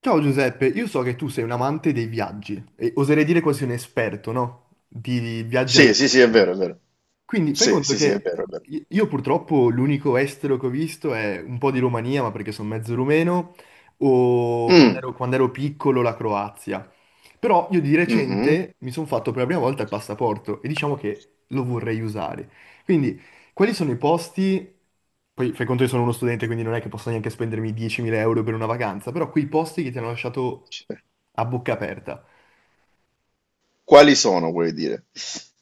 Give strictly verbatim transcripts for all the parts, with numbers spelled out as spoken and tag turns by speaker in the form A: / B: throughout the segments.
A: Ciao Giuseppe, io so che tu sei un amante dei viaggi e oserei dire quasi un esperto, no? Di viaggi
B: Sì, sì, sì, è
A: all'estero.
B: vero, è vero.
A: Quindi fai
B: Sì,
A: conto
B: sì, sì, è vero,
A: che
B: è vero.
A: i- io purtroppo l'unico estero che ho visto è un po' di Romania, ma perché sono mezzo rumeno, o quando
B: Mm,
A: ero, quando ero piccolo la Croazia. Però io di
B: mhm.
A: recente mi sono fatto per la prima volta il passaporto e diciamo che lo vorrei usare. Quindi quelli sono i posti, poi fai conto che sono uno studente, quindi non è che posso neanche spendermi diecimila euro per una vacanza, però quei posti che ti hanno lasciato a bocca aperta.
B: Quali sono, vuoi dire?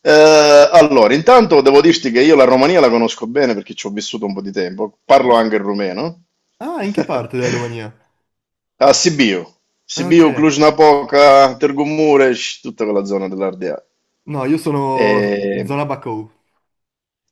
B: Eh, allora, intanto devo dirti che io la Romania la conosco bene perché ci ho vissuto un po' di tempo. Parlo anche il rumeno.
A: Ah, in che parte della Romania?
B: A Sibiu,
A: Ah,
B: Sibiu,
A: ok.
B: Cluj-Napoca, Târgu Mureș, tutta quella zona dell'Ardea.
A: No, io sono
B: E...
A: zona Bacău.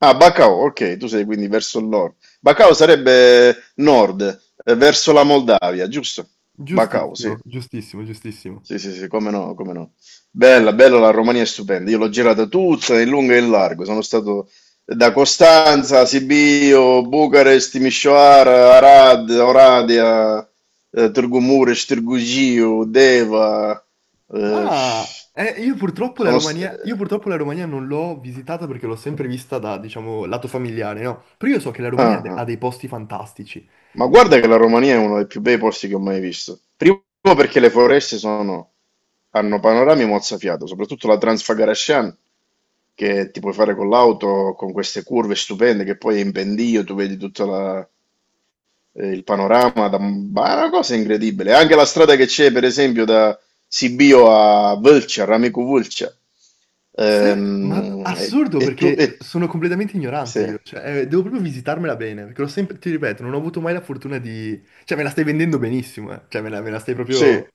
B: Ah, Bacău, ok, tu sei quindi verso il nord. Bacău sarebbe nord, eh, verso la Moldavia, giusto? Bacău, sì.
A: Giustissimo, giustissimo, giustissimo.
B: Sì, sì, sì, come no, come no. Bella, bella, la Romania è stupenda. Io l'ho girata tutta in lungo e in largo. Sono stato da Costanza, Sibiu, Bucarest, Timișoara, Arad, Oradea, eh, Târgu Mureș, Târgu Jiu, Deva. eh,
A: Ma eh, io purtroppo la
B: sono,
A: Romania, io
B: st-
A: purtroppo la Romania non l'ho visitata perché l'ho sempre vista da, diciamo, lato familiare, no? Però io so che la Romania ha
B: ah,
A: de-
B: ah.
A: ha dei posti fantastici.
B: Ma guarda che la Romania è uno dei più bei posti che ho mai visto. Primo perché le foreste sono, hanno panorami mozzafiato, soprattutto la Transfagaracian, che ti puoi fare con l'auto, con queste curve stupende, che poi è in pendio tu vedi tutto la- eh, il panorama, da, ma è una cosa incredibile. Anche la strada che c'è, per esempio, da Sibio a Vâlcea, Ramicu Vâlcea.
A: Sai, ma
B: Ehm, e,
A: assurdo
B: e tu...
A: perché
B: e-
A: sono completamente ignorante
B: sì,
A: io, cioè eh, devo proprio visitarmela bene, perché l'ho sempre, ti ripeto, non ho avuto mai la fortuna di. Cioè me la stai vendendo benissimo, eh. Cioè me la, me la stai
B: sì.
A: proprio.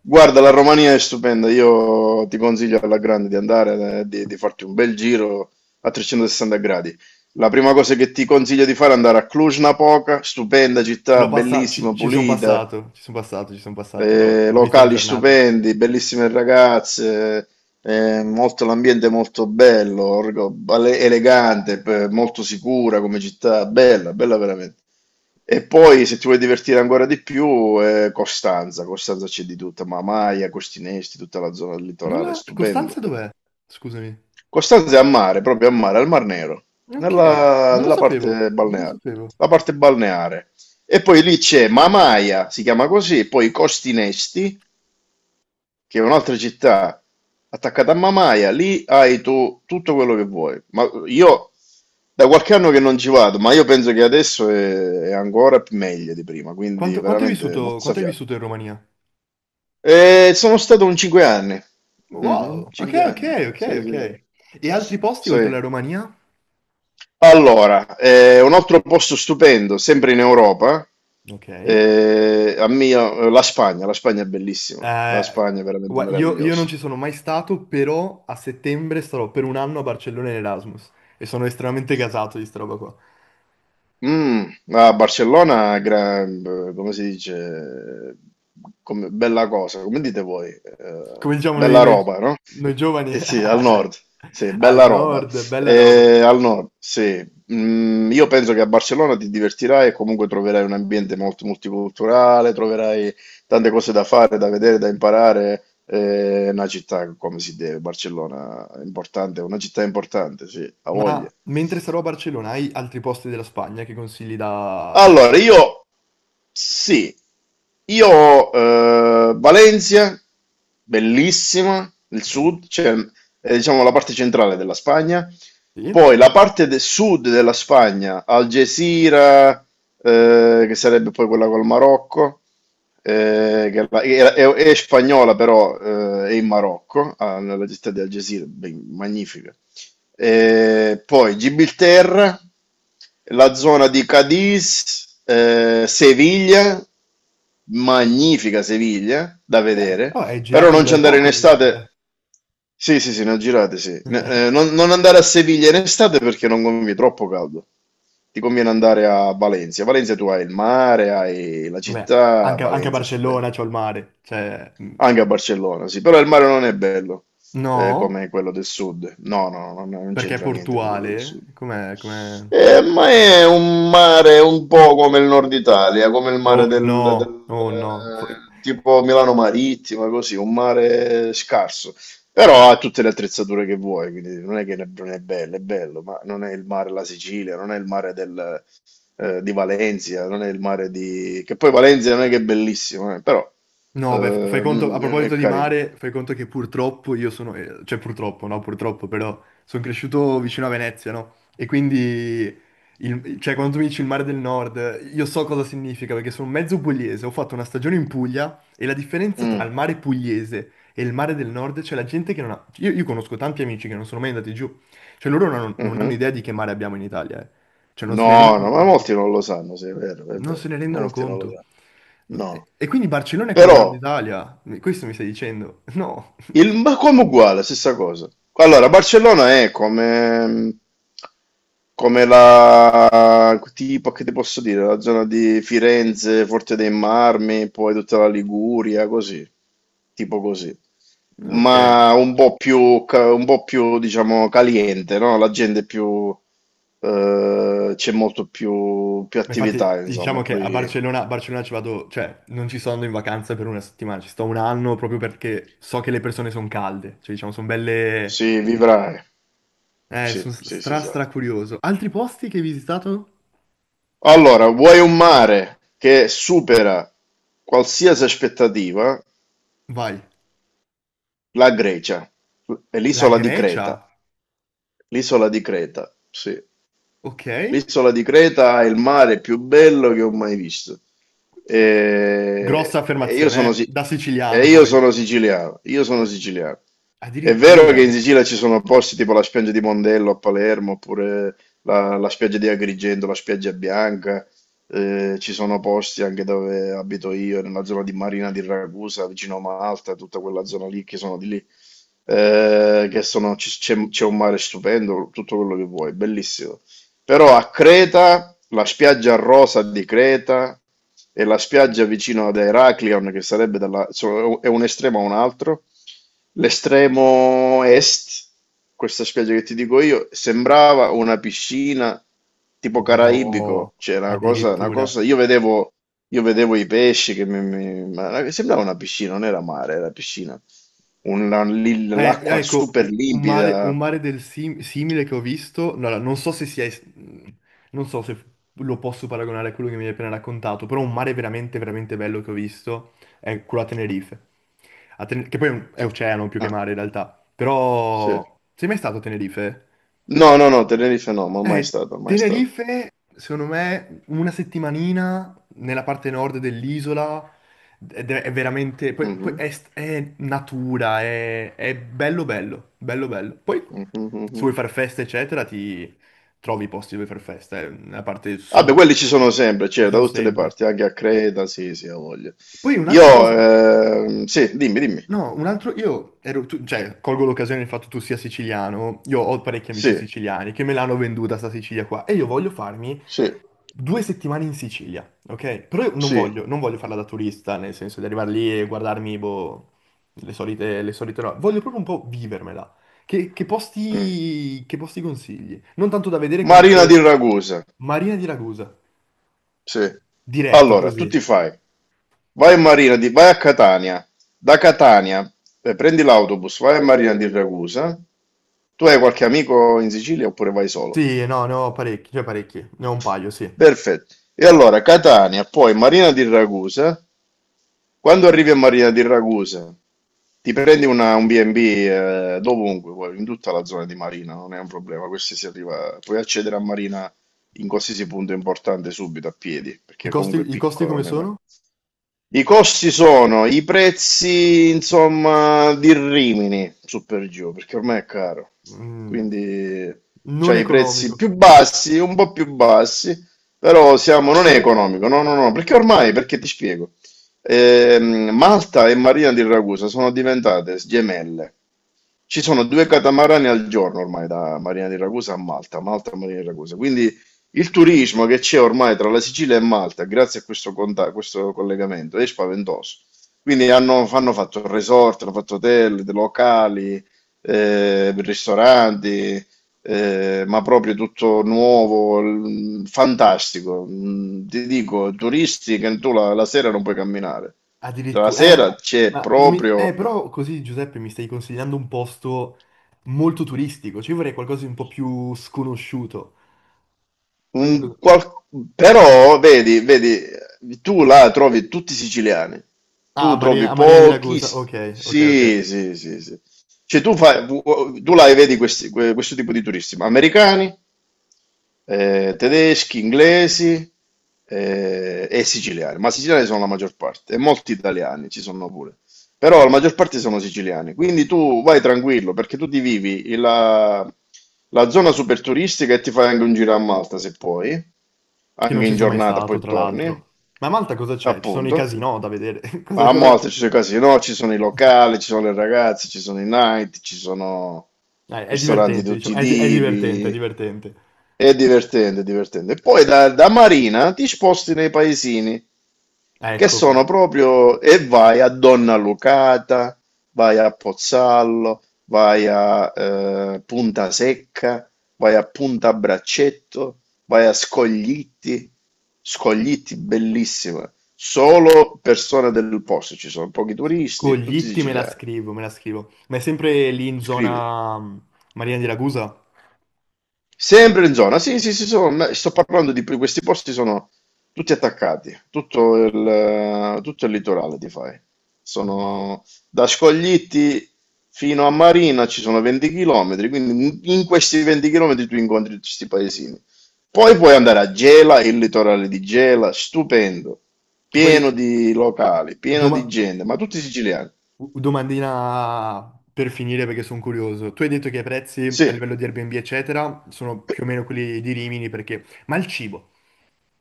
B: Guarda, la Romania è stupenda, io ti consiglio alla grande di andare, eh, di, di farti un bel giro a trecentosessanta gradi. La prima cosa che ti consiglio di fare è andare a Cluj-Napoca, stupenda città,
A: L'ho passato, ci,
B: bellissima,
A: ci sono
B: pulita,
A: passato, ci sono passato, ci sono passato, l'ho
B: eh,
A: l'ho vista in
B: locali
A: giornata.
B: stupendi, bellissime ragazze, eh, molto- l'ambiente è molto bello, orgo- ele- elegante, p- molto sicura come città, bella, bella veramente. E poi, se ti vuoi divertire ancora di più, eh, Costanza. Costanza c'è di tutta, Mamaia, Costinesti, tutta la zona del
A: Non
B: litorale,
A: la...
B: stupendo.
A: Costanza dov'è? Scusami.
B: Costanza è a mare, proprio a mare, al Mar Nero,
A: Ok,
B: nella,
A: non lo
B: nella
A: sapevo,
B: parte
A: non lo
B: balneare.
A: sapevo.
B: La parte balneare. E poi lì c'è Mamaia, si chiama così, poi Costinesti, che è un'altra città attaccata a Mamaia, lì hai tu tutto quello che vuoi. Ma io da qualche anno che non ci vado, ma io penso che adesso è, è ancora più meglio di prima, quindi
A: Quanto, quanto hai
B: veramente
A: vissuto, quanto hai
B: mozzafiato.
A: vissuto in Romania?
B: E sono stato un cinque anni. Mhm,
A: Wow, ok,
B: cinque
A: ok,
B: anni.
A: ok,
B: Sì, sì,
A: ok. E altri
B: sì.
A: posti oltre
B: Sì.
A: la Romania?
B: Allora, eh, un altro posto stupendo, sempre in Europa,
A: Ok.
B: eh, a mia- la Spagna, la Spagna è bellissima, la
A: Eh,
B: Spagna è veramente
A: gua- io, io non
B: meravigliosa.
A: ci sono mai stato, però a settembre starò per un anno a Barcellona in Erasmus e sono estremamente gasato di sta roba qua.
B: Mm, a Barcellona, gra- come si dice, come- bella cosa, come dite voi? Eh,
A: Come diciamo noi,
B: bella
A: noi-
B: roba, no?
A: noi giovani
B: Eh sì, al nord, sì,
A: al
B: bella roba.
A: nord, bella roba.
B: Eh, al nord, sì. Mm, io penso che a Barcellona ti divertirai e comunque troverai un ambiente molto multiculturale, troverai tante cose da fare, da vedere, da imparare. Eh, È una città come si deve, Barcellona è importante, è una città importante, sì, ha
A: Ma
B: voglia.
A: mentre sarò a Barcellona, hai altri posti della Spagna che consigli da, da fare?
B: Allora, io, sì, io, eh, Valencia, bellissima, il
A: No.
B: sud, cioè, eh, diciamo la parte centrale della Spagna,
A: Sì?
B: poi la parte del sud della Spagna, Algeciras, eh, che sarebbe poi quella col Marocco, eh, che la- è, è- è spagnola, però eh, è in Marocco. Ah, nella città di Algeciras, ben- magnifica. Eh, poi Gibilterra, la zona di Cadiz, eh, Seviglia, magnifica Seviglia da
A: Yeah.
B: vedere,
A: Oh, hai
B: però
A: girato un
B: non ci
A: bel
B: andare
A: po'
B: in
A: comunque,
B: estate.
A: eh.
B: Sì, sì, sì, ne ho girate, sì. Ne- eh, non, non andare a Seviglia in estate perché non conviene, troppo caldo. Ti conviene andare a Valencia. A Valencia tu hai il mare, hai la
A: Vabbè,
B: città,
A: anche, anche a
B: Valencia è stupendo.
A: Barcellona c'ho il mare. Cioè, mm,
B: Anche a Barcellona, sì, però il mare non è bello eh,
A: no,
B: come quello del sud. No, no, no, no, non
A: perché è
B: c'entra niente con quello del
A: portuale.
B: sud.
A: Com'è? Com'è?
B: Eh, ma è un mare un po' come il nord Italia, come il
A: Oh
B: mare del, del,
A: no, oh no. F-
B: eh, tipo Milano Marittima, così, un mare scarso. Però ha tutte le attrezzature che vuoi, quindi non è che ne- non è bello, è bello, ma non è il mare della Sicilia, non è il mare del, eh, di Valencia, non è il mare di... che poi Valencia non è che è bellissimo, eh, però
A: No, beh, f- fai
B: eh,
A: conto, a
B: mm, è
A: proposito di
B: carino.
A: mare, fai conto che purtroppo io sono, eh, cioè purtroppo, no, purtroppo, però sono cresciuto vicino a Venezia, no? E quindi, il- cioè quando tu mi dici il mare del nord, io so cosa significa, perché sono mezzo pugliese, ho fatto una stagione in Puglia e la differenza tra
B: Mm,
A: il mare pugliese e il mare del nord, c'è la gente che non ha. Io, io conosco tanti amici che non sono mai andati giù, cioè loro non, hanno non hanno
B: mhm.
A: idea di che mare abbiamo in Italia, eh. Cioè non se ne
B: No,
A: rendono
B: no, ma
A: conto,
B: molti non lo sanno, sì, è vero, è
A: non se
B: vero,
A: ne rendono
B: molti non lo
A: conto.
B: sanno.
A: No, E
B: No.
A: e quindi Barcellona è come il nord
B: Però
A: Italia. Mi- questo mi stai dicendo?
B: Il, ma come uguale, stessa cosa. Allora, Barcellona è come, come la, tipo, che ti posso dire, la zona di Firenze, Forte dei Marmi, poi tutta la Liguria, così, tipo così.
A: No, ok.
B: Ma un po' più, ca- un po' più, diciamo, caliente, no? La gente è più, eh, c'è molto più, più
A: Ma infatti
B: attività, insomma,
A: diciamo che a
B: poi
A: Barcellona, a Barcellona ci vado, cioè non ci sto andando in vacanza per una settimana, ci sto un anno proprio perché so che le persone sono calde, cioè diciamo sono belle,
B: sì, vivrai,
A: eh, sono
B: sì, sì, sì,
A: stra
B: sì.
A: stra curioso. Altri posti che hai visitato?
B: Allora, vuoi un mare che supera qualsiasi aspettativa?
A: Vai.
B: La Grecia, e
A: La
B: l'isola di
A: Grecia,
B: Creta, l'isola di Creta, sì.
A: ok?
B: L'isola di Creta è il mare più bello che ho mai visto.
A: Grossa
B: E, e io sono,
A: affermazione, eh?
B: si-
A: Da
B: e
A: siciliano
B: io
A: poi.
B: sono siciliano, io sono
A: Eh,
B: siciliano. È vero che in
A: Addirittura,
B: Sicilia ci sono posti tipo la spiaggia di Mondello a Palermo, oppure la, la spiaggia di Agrigento, la spiaggia bianca, eh, ci sono posti anche dove abito io, nella zona di Marina di Ragusa, vicino a Malta, tutta quella zona lì che sono di lì, eh, che sono, ci- c'è c'è un mare stupendo, tutto quello che vuoi, bellissimo. Però a Creta, la spiaggia rosa di Creta e la spiaggia vicino ad Heraklion, che sarebbe dalla, so- è un estremo a un altro. L'estremo est, questa spiaggia che ti dico io, sembrava una piscina tipo
A: madò,
B: caraibico, cioè una cosa, una
A: addirittura.
B: cosa, io vedevo, io vedevo i pesci che mi, mi- ma sembrava una piscina, non era mare, era piscina. Una- lì
A: Eh,
B: l'acqua
A: ecco,
B: super
A: u- un
B: limpida.
A: mare, un mare del sim- simile che ho visto, no, no, non so se sia, es- mhmm, non so se lo posso paragonare a quello che mi hai appena raccontato, però un mare veramente, veramente bello che ho visto è quello a Tenerife, A Ten- che poi è, un- è oceano più che
B: Ah,
A: mare in realtà,
B: sì.
A: però sei mai stato a Tenerife?
B: No, no, no, Tenerife no, ma mai
A: Eh,
B: stato, mai stato.
A: Tenerife, secondo me, una settimanina nella parte nord dell'isola ed è, è veramente. Poi, poi
B: Mhm,
A: è, st- è natura, è, è bello bello, bello bello. Poi
B: mhm,
A: se vuoi
B: mhm.
A: fare festa, eccetera, ti trovi i posti dove fare festa, eh, nella parte
B: Vabbè,
A: sud
B: quelli ci sono sempre,
A: ci
B: cioè, da
A: sono
B: tutte le
A: sempre.
B: parti, anche a Creta, sì, sì, ha voglia.
A: Poi un'altra
B: Io,
A: cosa.
B: ehm, sì, dimmi, dimmi.
A: No, un altro. Io ero. Tu- cioè, colgo l'occasione del fatto che tu sia siciliano, io ho parecchi amici
B: Sì,
A: siciliani che me l'hanno venduta sta Sicilia qua e io voglio farmi
B: sì,
A: due settimane in Sicilia, ok? Però io non
B: sì.
A: voglio, non voglio farla da turista, nel senso di arrivare lì e guardarmi, boh, le solite, le solite robe. Voglio proprio un po' vivermela. Che, che
B: mm.
A: posti, che posti consigli? Non tanto da vedere
B: Marina
A: quanto
B: di Ragusa.
A: Marina di Ragusa,
B: Sì.
A: diretto
B: Allora, tu
A: così.
B: ti fai. Vai a Marina di, vai a Catania. Da Catania, eh, prendi l'autobus, vai a Marina di Ragusa. Tu hai qualche amico in Sicilia oppure vai solo?
A: Sì, no, ne ho parecchi, cioè parecchi, ne ho un paio, sì.
B: Perfetto. E allora, Catania, poi Marina di Ragusa. Quando arrivi a Marina di Ragusa, ti prendi una- un bi e bi, eh, dovunque, vuoi, in tutta la zona di Marina, non è un problema, questi si arriva, puoi accedere a Marina in qualsiasi punto importante subito a piedi,
A: I
B: perché
A: costi,
B: comunque è
A: i costi
B: piccolo,
A: come
B: non è.
A: sono?
B: I costi sono i prezzi, insomma, di Rimini, su per giù, perché ormai è caro.
A: Mm,
B: Quindi
A: non
B: c'hai i
A: economico.
B: prezzi più bassi, un po' più bassi, però siamo, non è economico, no, no, no, perché ormai, perché ti spiego, ehm, Malta e Marina di Ragusa sono diventate gemelle. Ci sono due catamarani al giorno ormai da Marina di Ragusa a Malta, Malta a Marina di Ragusa. Quindi il turismo che c'è ormai tra la Sicilia e Malta, grazie a questo, conta- questo collegamento, è spaventoso. Quindi hanno, hanno fatto resort, hanno fatto hotel, locali, eh, ristoranti, eh, ma proprio tutto nuovo, l- fantastico. Mm, Ti dico, turisti che tu la la sera non puoi camminare. La
A: Addirittura, eh, ma,
B: sera c'è
A: ma non mi- eh,
B: proprio.
A: però così Giuseppe mi stai consigliando un posto molto turistico, cioè io vorrei qualcosa di un po' più sconosciuto.
B: Un
A: Cos-
B: qual- Però vedi, vedi, tu là trovi tutti siciliani,
A: Ah, a
B: tu
A: Marina,
B: trovi
A: a Marina di
B: pochi,
A: Ragusa, ok, ok, ok.
B: sì, sì, sì, sì. Cioè tu, fai, tu là vedi questi- que- questo tipo di turisti, ma americani, eh, tedeschi, inglesi, eh, e siciliani, ma siciliani sono la maggior parte, e molti italiani ci sono pure, però la maggior parte sono siciliani, quindi tu vai tranquillo perché tu ti vivi la, la zona super turistica e ti fai anche un giro a Malta se puoi
A: Che non
B: anche
A: ci
B: in
A: sono mai
B: giornata,
A: stato,
B: poi
A: tra
B: torni,
A: l'altro. Ma a Malta cosa c'è? Ci sono i
B: appunto.
A: casinò da vedere.
B: Ma
A: Cosa,
B: a
A: cosa c'è?
B: Malta ci sono i casinò, ci sono i locali, ci sono le ragazze, ci sono i night, ci sono
A: Eh, è
B: ristoranti di
A: divertente,
B: tutti
A: diciamo,
B: i
A: è, di- è divertente, è
B: tipi.
A: divertente.
B: È divertente, è divertente. Poi da, da Marina ti sposti nei paesini che
A: Ecco qua.
B: sono proprio e vai a Donna Lucata, vai a Pozzallo, vai a eh, Punta Secca, vai a Punta Braccetto, vai a Scoglitti, Scoglitti bellissima, solo persone del posto, ci sono pochi turisti, tutti
A: Coglitti me la
B: siciliani.
A: scrivo, me la scrivo. Ma è sempre lì in
B: Scrivi.
A: zona mm, Marina di Ragusa?
B: Sempre in zona, sì, sì, sì, sono- ma sto parlando di questi posti sono tutti attaccati, tutto il, tutto il litorale ti fai.
A: Wow.
B: Sono da Scoglitti fino a Marina ci sono venti chilometri, quindi in in questi venti chilometri tu incontri tutti questi paesini. Poi puoi andare a Gela, il litorale di Gela, stupendo,
A: Che poi
B: pieno di locali, pieno di
A: domani.
B: gente, ma tutti siciliani.
A: Domandina per finire perché sono curioso. Tu hai detto che i prezzi a
B: Sì.
A: livello di Airbnb, eccetera, sono più o meno quelli di Rimini perché. Ma il cibo,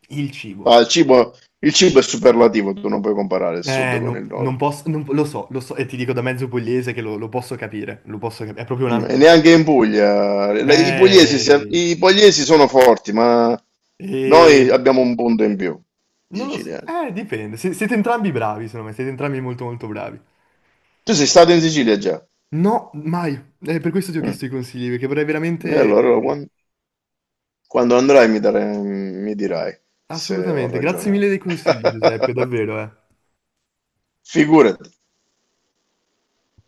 A: il cibo.
B: Ah, il cibo, il cibo è superlativo, tu non puoi comparare il sud
A: Eh,
B: con il
A: no- non
B: nord.
A: posso, non- lo so, lo so, e ti dico da mezzo pugliese che lo, lo posso capire, lo posso capire. È proprio un
B: Mm,
A: altro.
B: E neanche in Puglia. La- I pugliesi, si-
A: Eh,
B: I pugliesi sono forti, ma noi
A: eh,
B: abbiamo un punto in più, i
A: non lo so,
B: siciliani.
A: eh, dipende. Se- siete entrambi bravi, secondo me, siete entrambi molto molto bravi.
B: Tu sei stato in Sicilia già?
A: No, mai. Eh, per questo ti ho
B: Mm.
A: chiesto i consigli, perché vorrei
B: E
A: veramente.
B: allora quan- quando, andrai mi, dare- mi dirai se ho
A: Assolutamente. Grazie
B: ragione o
A: mille
B: no.
A: dei consigli, Giuseppe, davvero, eh.
B: Figurati.